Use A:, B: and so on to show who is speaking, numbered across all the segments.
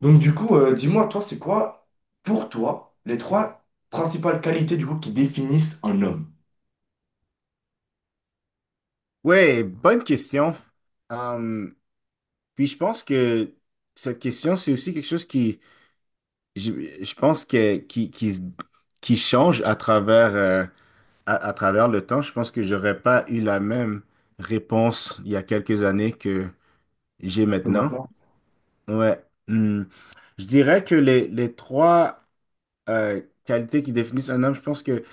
A: Donc du coup, dis-moi, toi, c'est quoi, pour toi, les trois principales qualités du coup qui définissent un homme?
B: Ouais, bonne question. Hum, puis je pense que cette question, c'est aussi quelque chose qui, je, je pense que qui, se- qui change à travers le temps. Je pense que j'aurais pas eu la même réponse il y a quelques années que j'ai
A: Que
B: maintenant.
A: maintenant.
B: Ouais. Je dirais que les trois qualités qui définissent un homme, je pense que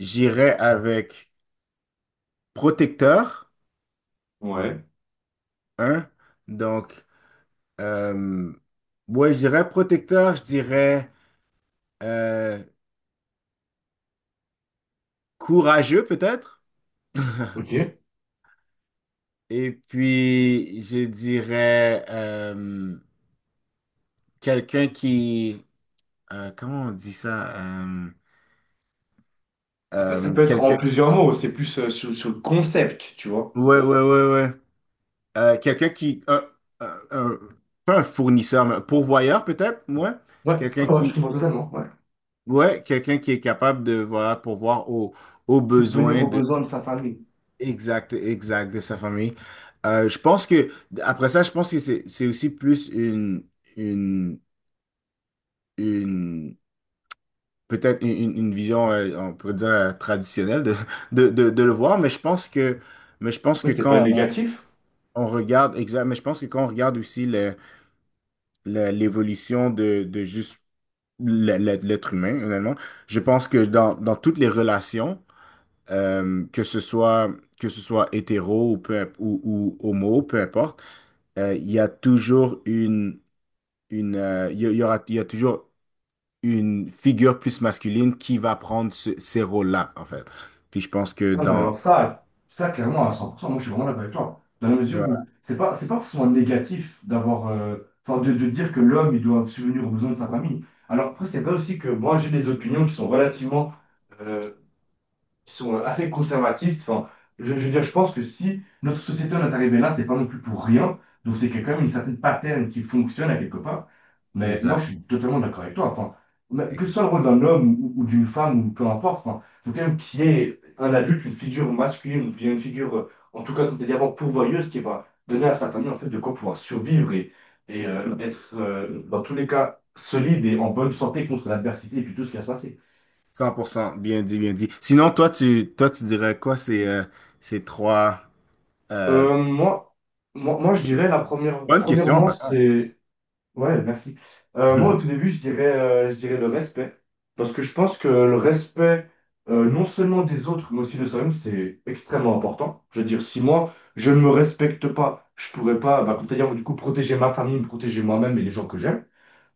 B: j'irais avec protecteur,
A: Ouais.
B: hein. Donc Euh, ouais, je dirais protecteur, je dirais euh, courageux peut-être.
A: Ok. Ouais.
B: Et puis, je dirais quelqu'un qui... comment on dit ça?
A: Après, ça peut être en
B: Quelqu'un...
A: plusieurs mots, c'est plus sur, sur le concept, tu vois.
B: Ouais, ouais, ouais, ouais. Quelqu'un qui... un- un- pas un fournisseur, mais un pourvoyeur peut-être, ouais.
A: Ouais,
B: Quelqu'un
A: ouais, ouais, je
B: qui...
A: comprends totalement, ouais.
B: Ouais, quelqu'un qui est capable de voilà, pourvoir aux
A: Subvenir
B: besoins.
A: aux besoins de sa famille.
B: Exact, exact, de sa famille. Je pense que, après ça, je pense que c'est aussi plus une, une peut-être une vision, on pourrait dire, traditionnelle de le voir, mais je pense que, mais je pense
A: Ouais,
B: que
A: c'est pas
B: quand
A: négatif.
B: on regarde, exact, mais je pense que quand on regarde aussi l'évolution de juste l'être humain, honnêtement, je pense que dans toutes les relations, euh, que ce soit, que ce soit hétéro ou homo, peu importe, il y a toujours une il y aura, il y a toujours une figure plus masculine qui va prendre ces rôles-là, en fait. Puis je pense que
A: Ah, mais alors
B: dans...
A: ça clairement à 100%, moi je suis vraiment d'accord avec toi. Dans la mesure où
B: Voilà,
A: c'est pas forcément négatif d'avoir, enfin de dire que l'homme il doit subvenir aux besoins de sa famille. Alors après c'est vrai aussi que moi j'ai des opinions qui sont relativement euh, qui sont assez conservatistes. Enfin, je veux dire, je pense que si notre société en est arrivée là, c'est pas non plus pour rien. Donc c'est qu'il y a quand même une certaine pattern qui fonctionne à quelque part. Mais moi,
B: exact,
A: je suis totalement d'accord avec toi. Enfin, mais que ce
B: exact.
A: soit le rôle d'un homme ou d'une femme ou peu importe, enfin, il faut quand même qu'il y ait un adulte, une figure masculine, ou bien une figure, en tout cas, comme tu dit avant, pourvoyeuse, qui va donner à sa famille en fait de quoi pouvoir survivre et être dans tous les cas solide et en bonne santé contre l'adversité et puis tout ce qui va se passer.
B: 100%, bien dit, bien dit. Sinon, toi, tu dirais quoi ces, ces trois... euh,
A: Euh, moi, moi, je dirais
B: bonne question, en
A: premièrement,
B: passant.
A: c'est, ouais, merci. Moi, au tout début, je dirais le respect. Parce que je pense que le respect, non seulement des autres, mais aussi de soi-même, c'est extrêmement important. Je veux dire, si moi, je ne me respecte pas, je pourrais pas, bah, comme tu as dit, du coup, protéger ma famille, me protéger moi-même et les gens que j'aime.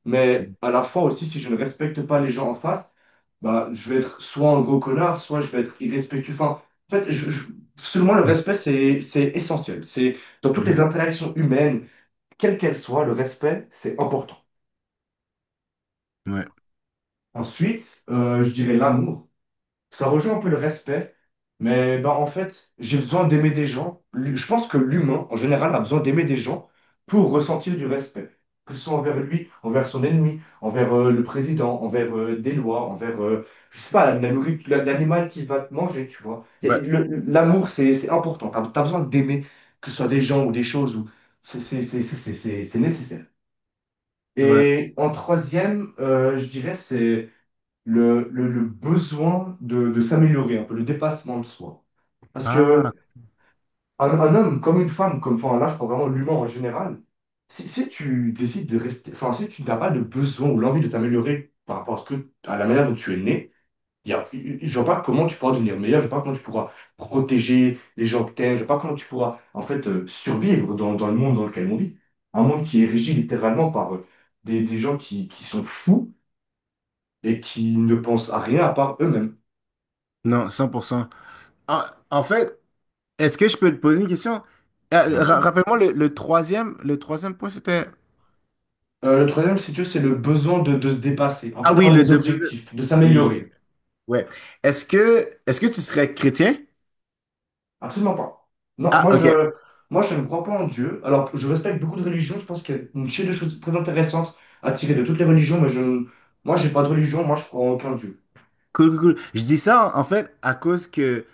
A: Mais à la fois aussi, si je ne respecte pas les gens en face, bah, je vais être soit un gros connard, soit je vais être irrespectueux. Enfin, en fait, selon moi, le respect, c'est essentiel. C'est dans toutes les
B: Ouais,
A: interactions humaines, quelles qu'elles soient, le respect, c'est important.
B: ouais,
A: Ensuite, je dirais l'amour. Ça rejoint un peu le respect, mais ben, en fait, j'ai besoin d'aimer des gens. Je pense que l'humain, en général, a besoin d'aimer des gens pour ressentir du respect, que ce soit envers lui, envers son ennemi, envers le président, envers des lois, envers, je sais pas, la nourriture, l'animal qui va te manger, tu vois.
B: ouais.
A: L'amour, c'est important. As besoin d'aimer, que ce soit des gens ou des choses, ou c'est nécessaire.
B: ouais.
A: Et en troisième, je dirais, c'est le besoin de s'améliorer, un peu le dépassement de soi. Parce
B: Ah,
A: que un homme comme une femme, comme enfin là, je prends vraiment l'humain en général, si tu décides de rester, enfin si tu n'as pas de besoin ou l'envie de t'améliorer par rapport à, ce que, à la manière dont tu es né, il y a, je vois pas comment tu pourras devenir meilleur, je vois pas comment tu pourras protéger les gens que t'aimes, je vois pas comment tu pourras en fait survivre dans, dans le monde dans lequel on vit. Un monde qui est régi littéralement par des gens qui sont fous et qui ne pensent à rien à part eux-mêmes.
B: non, 100%. Ah, en fait, est-ce que je peux te poser une question?
A: Bien sûr.
B: Rappelle-moi, le troisième point, c'était...
A: Le troisième, si tu veux, c'est le besoin de se dépasser, un peu
B: Ah oui,
A: d'avoir
B: le
A: des
B: double.
A: objectifs, de
B: Oui,
A: s'améliorer.
B: ouais. Est-ce que tu serais chrétien?
A: Absolument pas. Non,
B: Ah, ok.
A: moi je ne crois pas en Dieu. Alors, je respecte beaucoup de religions. Je pense qu'il y a une chaîne de choses très intéressantes à tirer de toutes les religions, moi j'ai pas de religion. Moi, je crois en aucun Dieu.
B: Cool, cool, cool. Je dis ça en fait à cause que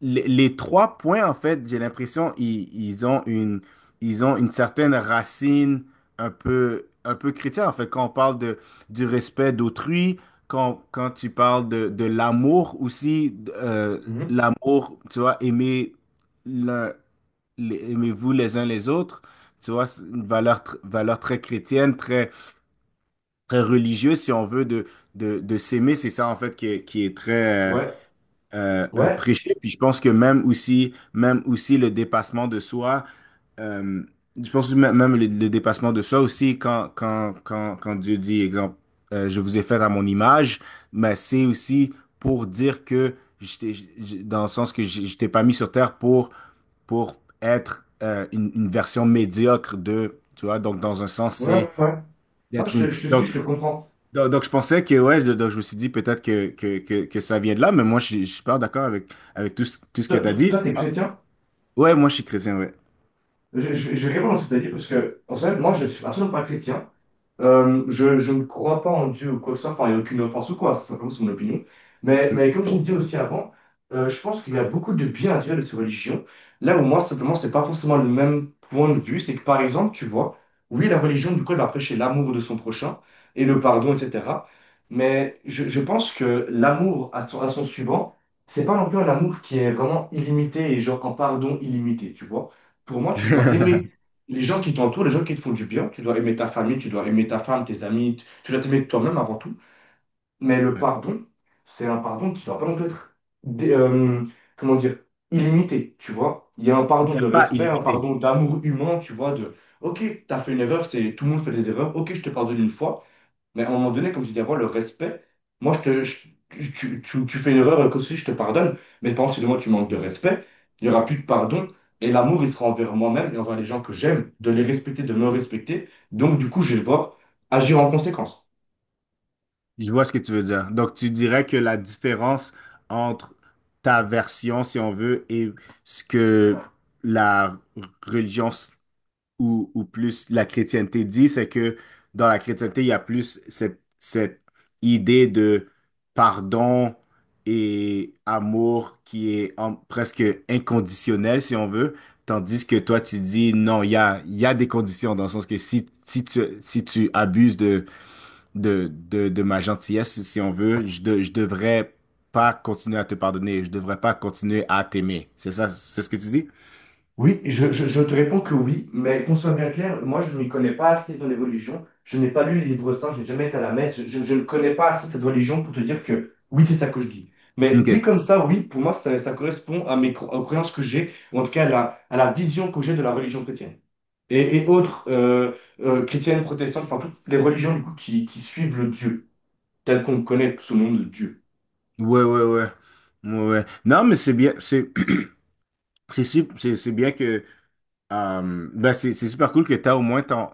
B: les trois points, en fait, j'ai l'impression ils ont une certaine racine un peu chrétienne. En fait, quand on parle de du respect d'autrui, quand tu parles de l'amour aussi,
A: Mhm.
B: l'amour, tu vois, aimer. l'un aimez-vous les uns les autres. Tu vois, c'est une valeur très chrétienne, très, très religieuse, si on veut, de s'aimer. C'est ça, en fait, qui qui est très
A: Ouais, ouais,
B: prêché. Puis je pense que même aussi le dépassement de soi, euh, je pense que même même le dépassement de soi aussi, quand Dieu dit, exemple, je vous ai fait à mon image, mais c'est aussi pour dire que je t'ai- je- dans le sens que je t'ai pas mis sur terre pour être une version médiocre de, tu vois, donc dans un sens,
A: ouais, ouais.
B: c'est
A: Ouais. Non,
B: d'être une...
A: je te suis, je te comprends.
B: Donc, je pensais que, ouais, donc je me suis dit peut-être que ça vient de là, mais moi, je suis pas d'accord avec, avec tout, tout ce que
A: Toi,
B: tu as
A: toi,
B: dit.
A: toi, t'es
B: Ah,
A: chrétien?
B: ouais, moi, je suis chrétien, ouais.
A: Je vais répondre à ce que t'as dit parce que, en fait, moi, je suis absolument pas chrétien. Je ne crois pas en Dieu ou quoi que ce soit, enfin, il n'y a aucune offense ou quoi, c'est simplement c'est mon opinion. Mais comme je le disais aussi avant, je pense qu'il y a beaucoup de bien à tirer de ces religions. Là où moi, simplement, c'est pas forcément le même point de vue. C'est que par exemple, tu vois, oui, la religion, du coup, elle va prêcher l'amour de son prochain et le pardon, etc. Je pense que l'amour à, à son suivant, c'est pas non plus un amour qui est vraiment illimité et genre un pardon illimité, tu vois. Pour moi, tu dois aimer les gens qui t'entourent, les gens qui te font du bien, tu dois aimer ta famille, tu dois aimer ta femme, tes amis, tu dois t'aimer toi-même avant tout. Mais le
B: Peut-être
A: pardon, c'est un pardon qui ne doit pas non plus être, dé- euh, comment dire, illimité, tu vois. Il y a un pardon de
B: pas
A: respect, un
B: illimité.
A: pardon d'amour humain, tu vois, de, ok, t'as fait une erreur, c'est, tout le monde fait des erreurs, ok, je te pardonne une fois. Mais à un moment donné, comme je dis avant, le respect, moi, je te, je- tu- tu fais une erreur, comme si je te pardonne, mais par contre, si moi, tu manques de respect, il n'y aura plus de pardon, et l'amour, il sera envers moi-même et envers les gens que j'aime, de les respecter, de me respecter. Donc, du coup, je vais devoir agir en conséquence.
B: Je vois ce que tu veux dire. Donc, tu dirais que la différence entre ta version, si on veut, et ce que la religion ou plus la chrétienté dit, c'est que dans la chrétienté, il y a plus cette idée de pardon et amour qui est presque inconditionnel, si on veut, tandis que toi, tu dis non, il y a des conditions, dans le sens que si tu abuses de ma gentillesse, si on veut, je devrais pas continuer à te pardonner, je devrais pas continuer à t'aimer. C'est ça, c'est ce que tu dis?
A: Oui, je te réponds que oui, mais qu'on soit bien clair, moi je ne m'y connais pas assez dans l'évolution. Je n'ai pas lu les livres saints, je n'ai jamais été à la messe, je ne connais pas assez cette religion pour te dire que oui, c'est ça que je dis. Mais dit
B: OK.
A: comme ça, oui, pour moi, ça correspond à mes aux croyances que j'ai, ou en tout cas à la vision que j'ai de la religion chrétienne. Et autres chrétiennes, protestantes, enfin toutes les religions du coup qui suivent le Dieu, tel qu'on le connaît sous le nom de Dieu.
B: Ouais, ouais, ouais. Ouais, ouais. Non, mais c'est c'est bien que, c'est super cool que tu as au moins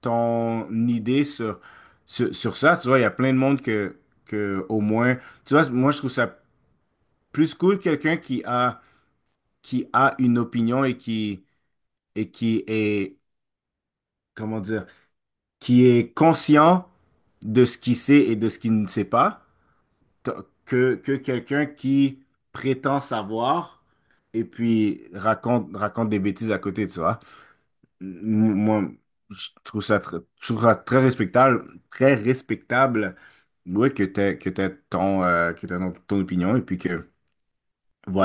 B: ton idée sur ça. Tu vois, il y a plein de monde au moins, tu vois, moi, je trouve ça plus cool quelqu'un qui a une opinion et et qui est, comment dire, qui est conscient de ce qu'il sait et de ce qu'il ne sait pas t- que quelqu'un qui prétend savoir et puis raconte des bêtises à côté, tu vois. Moi, je trouve je trouve ça très respectable, ouais, que t'aies ton, ton opinion et puis que,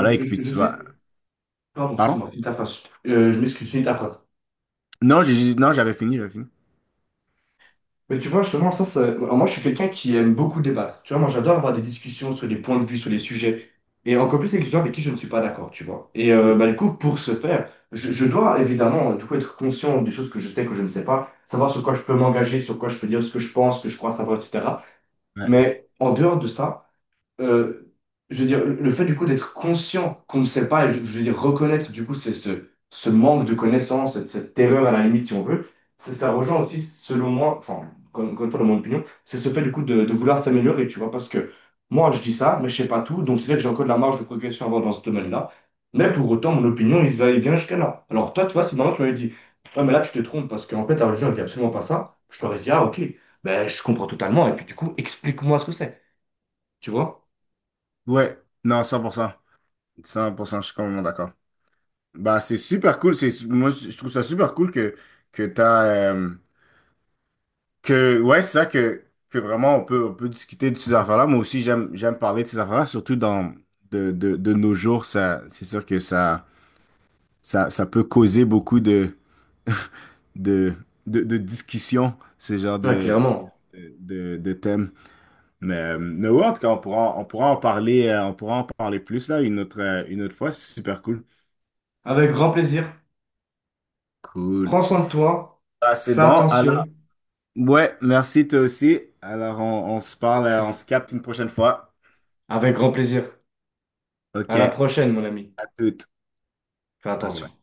B: et que puis
A: Je
B: tu vas...
A: sais. Pardon,
B: Pardon?
A: excuse-moi, finis ta phrase. Je m'excuse, finis ta phrase.
B: Non, j'avais fini, j'avais fini.
A: Mais tu vois, justement, moi, je suis quelqu'un qui aime beaucoup débattre. Tu vois, moi, j'adore avoir des discussions sur les points de vue, sur les sujets. Et encore plus avec les gens avec qui je ne suis pas d'accord, tu vois. Et
B: Cool.
A: bah, du coup, pour ce faire, je dois évidemment, du coup, être conscient des choses que je sais, que je ne sais pas, savoir sur quoi je peux m'engager, sur quoi je peux dire ce que je pense, ce que je crois savoir, etc.
B: Ouais.
A: Mais en dehors de ça, euh, je veux dire, le fait du coup d'être conscient qu'on ne sait pas, et je veux dire reconnaître du coup c'est ce, ce manque de connaissance, cette, cette terreur à la limite si on veut, ça rejoint aussi selon moi, enfin encore une fois dans mon opinion, c'est ce fait du coup de vouloir s'améliorer, tu vois, parce que moi je dis ça, mais je sais pas tout, donc c'est vrai que j'ai encore de la marge de progression à avoir dans ce domaine-là, mais pour autant mon opinion il va et vient jusqu'à là. Alors toi tu vois, si maintenant tu m'avais dit, ouais mais là tu te trompes parce qu'en fait ta religion elle dit absolument pas ça, je t'aurais dit ah ok, ben je comprends totalement et puis du coup explique-moi ce que c'est, tu vois?
B: Ouais, non, cent pour cent, je suis complètement d'accord. Bah, c'est super cool. C'est, moi, je trouve ça super cool que t'as... ouais, c'est ça que vraiment on peut discuter de ces affaires-là. Moi aussi, j'aime, j'aime parler de ces affaires-là, surtout dans, de nos jours. Ça, c'est sûr que ça peut causer beaucoup de, de discussions, ce genre
A: Ouais,
B: de, ce genre
A: clairement.
B: de thèmes. Mais ouais, en tout cas, on pourra en parler, on pourra en parler plus là une autre fois. C'est super cool.
A: Avec grand plaisir.
B: Cool.
A: Prends soin de toi.
B: Ah, c'est
A: Fais
B: bon. Alors,
A: attention.
B: ouais, merci toi aussi. Alors, on se
A: Et
B: parle, on se
A: puis,
B: capte une prochaine fois.
A: avec grand plaisir.
B: OK,
A: À la
B: à
A: prochaine, mon ami.
B: toutes.
A: Fais
B: OK,
A: attention.
B: bye.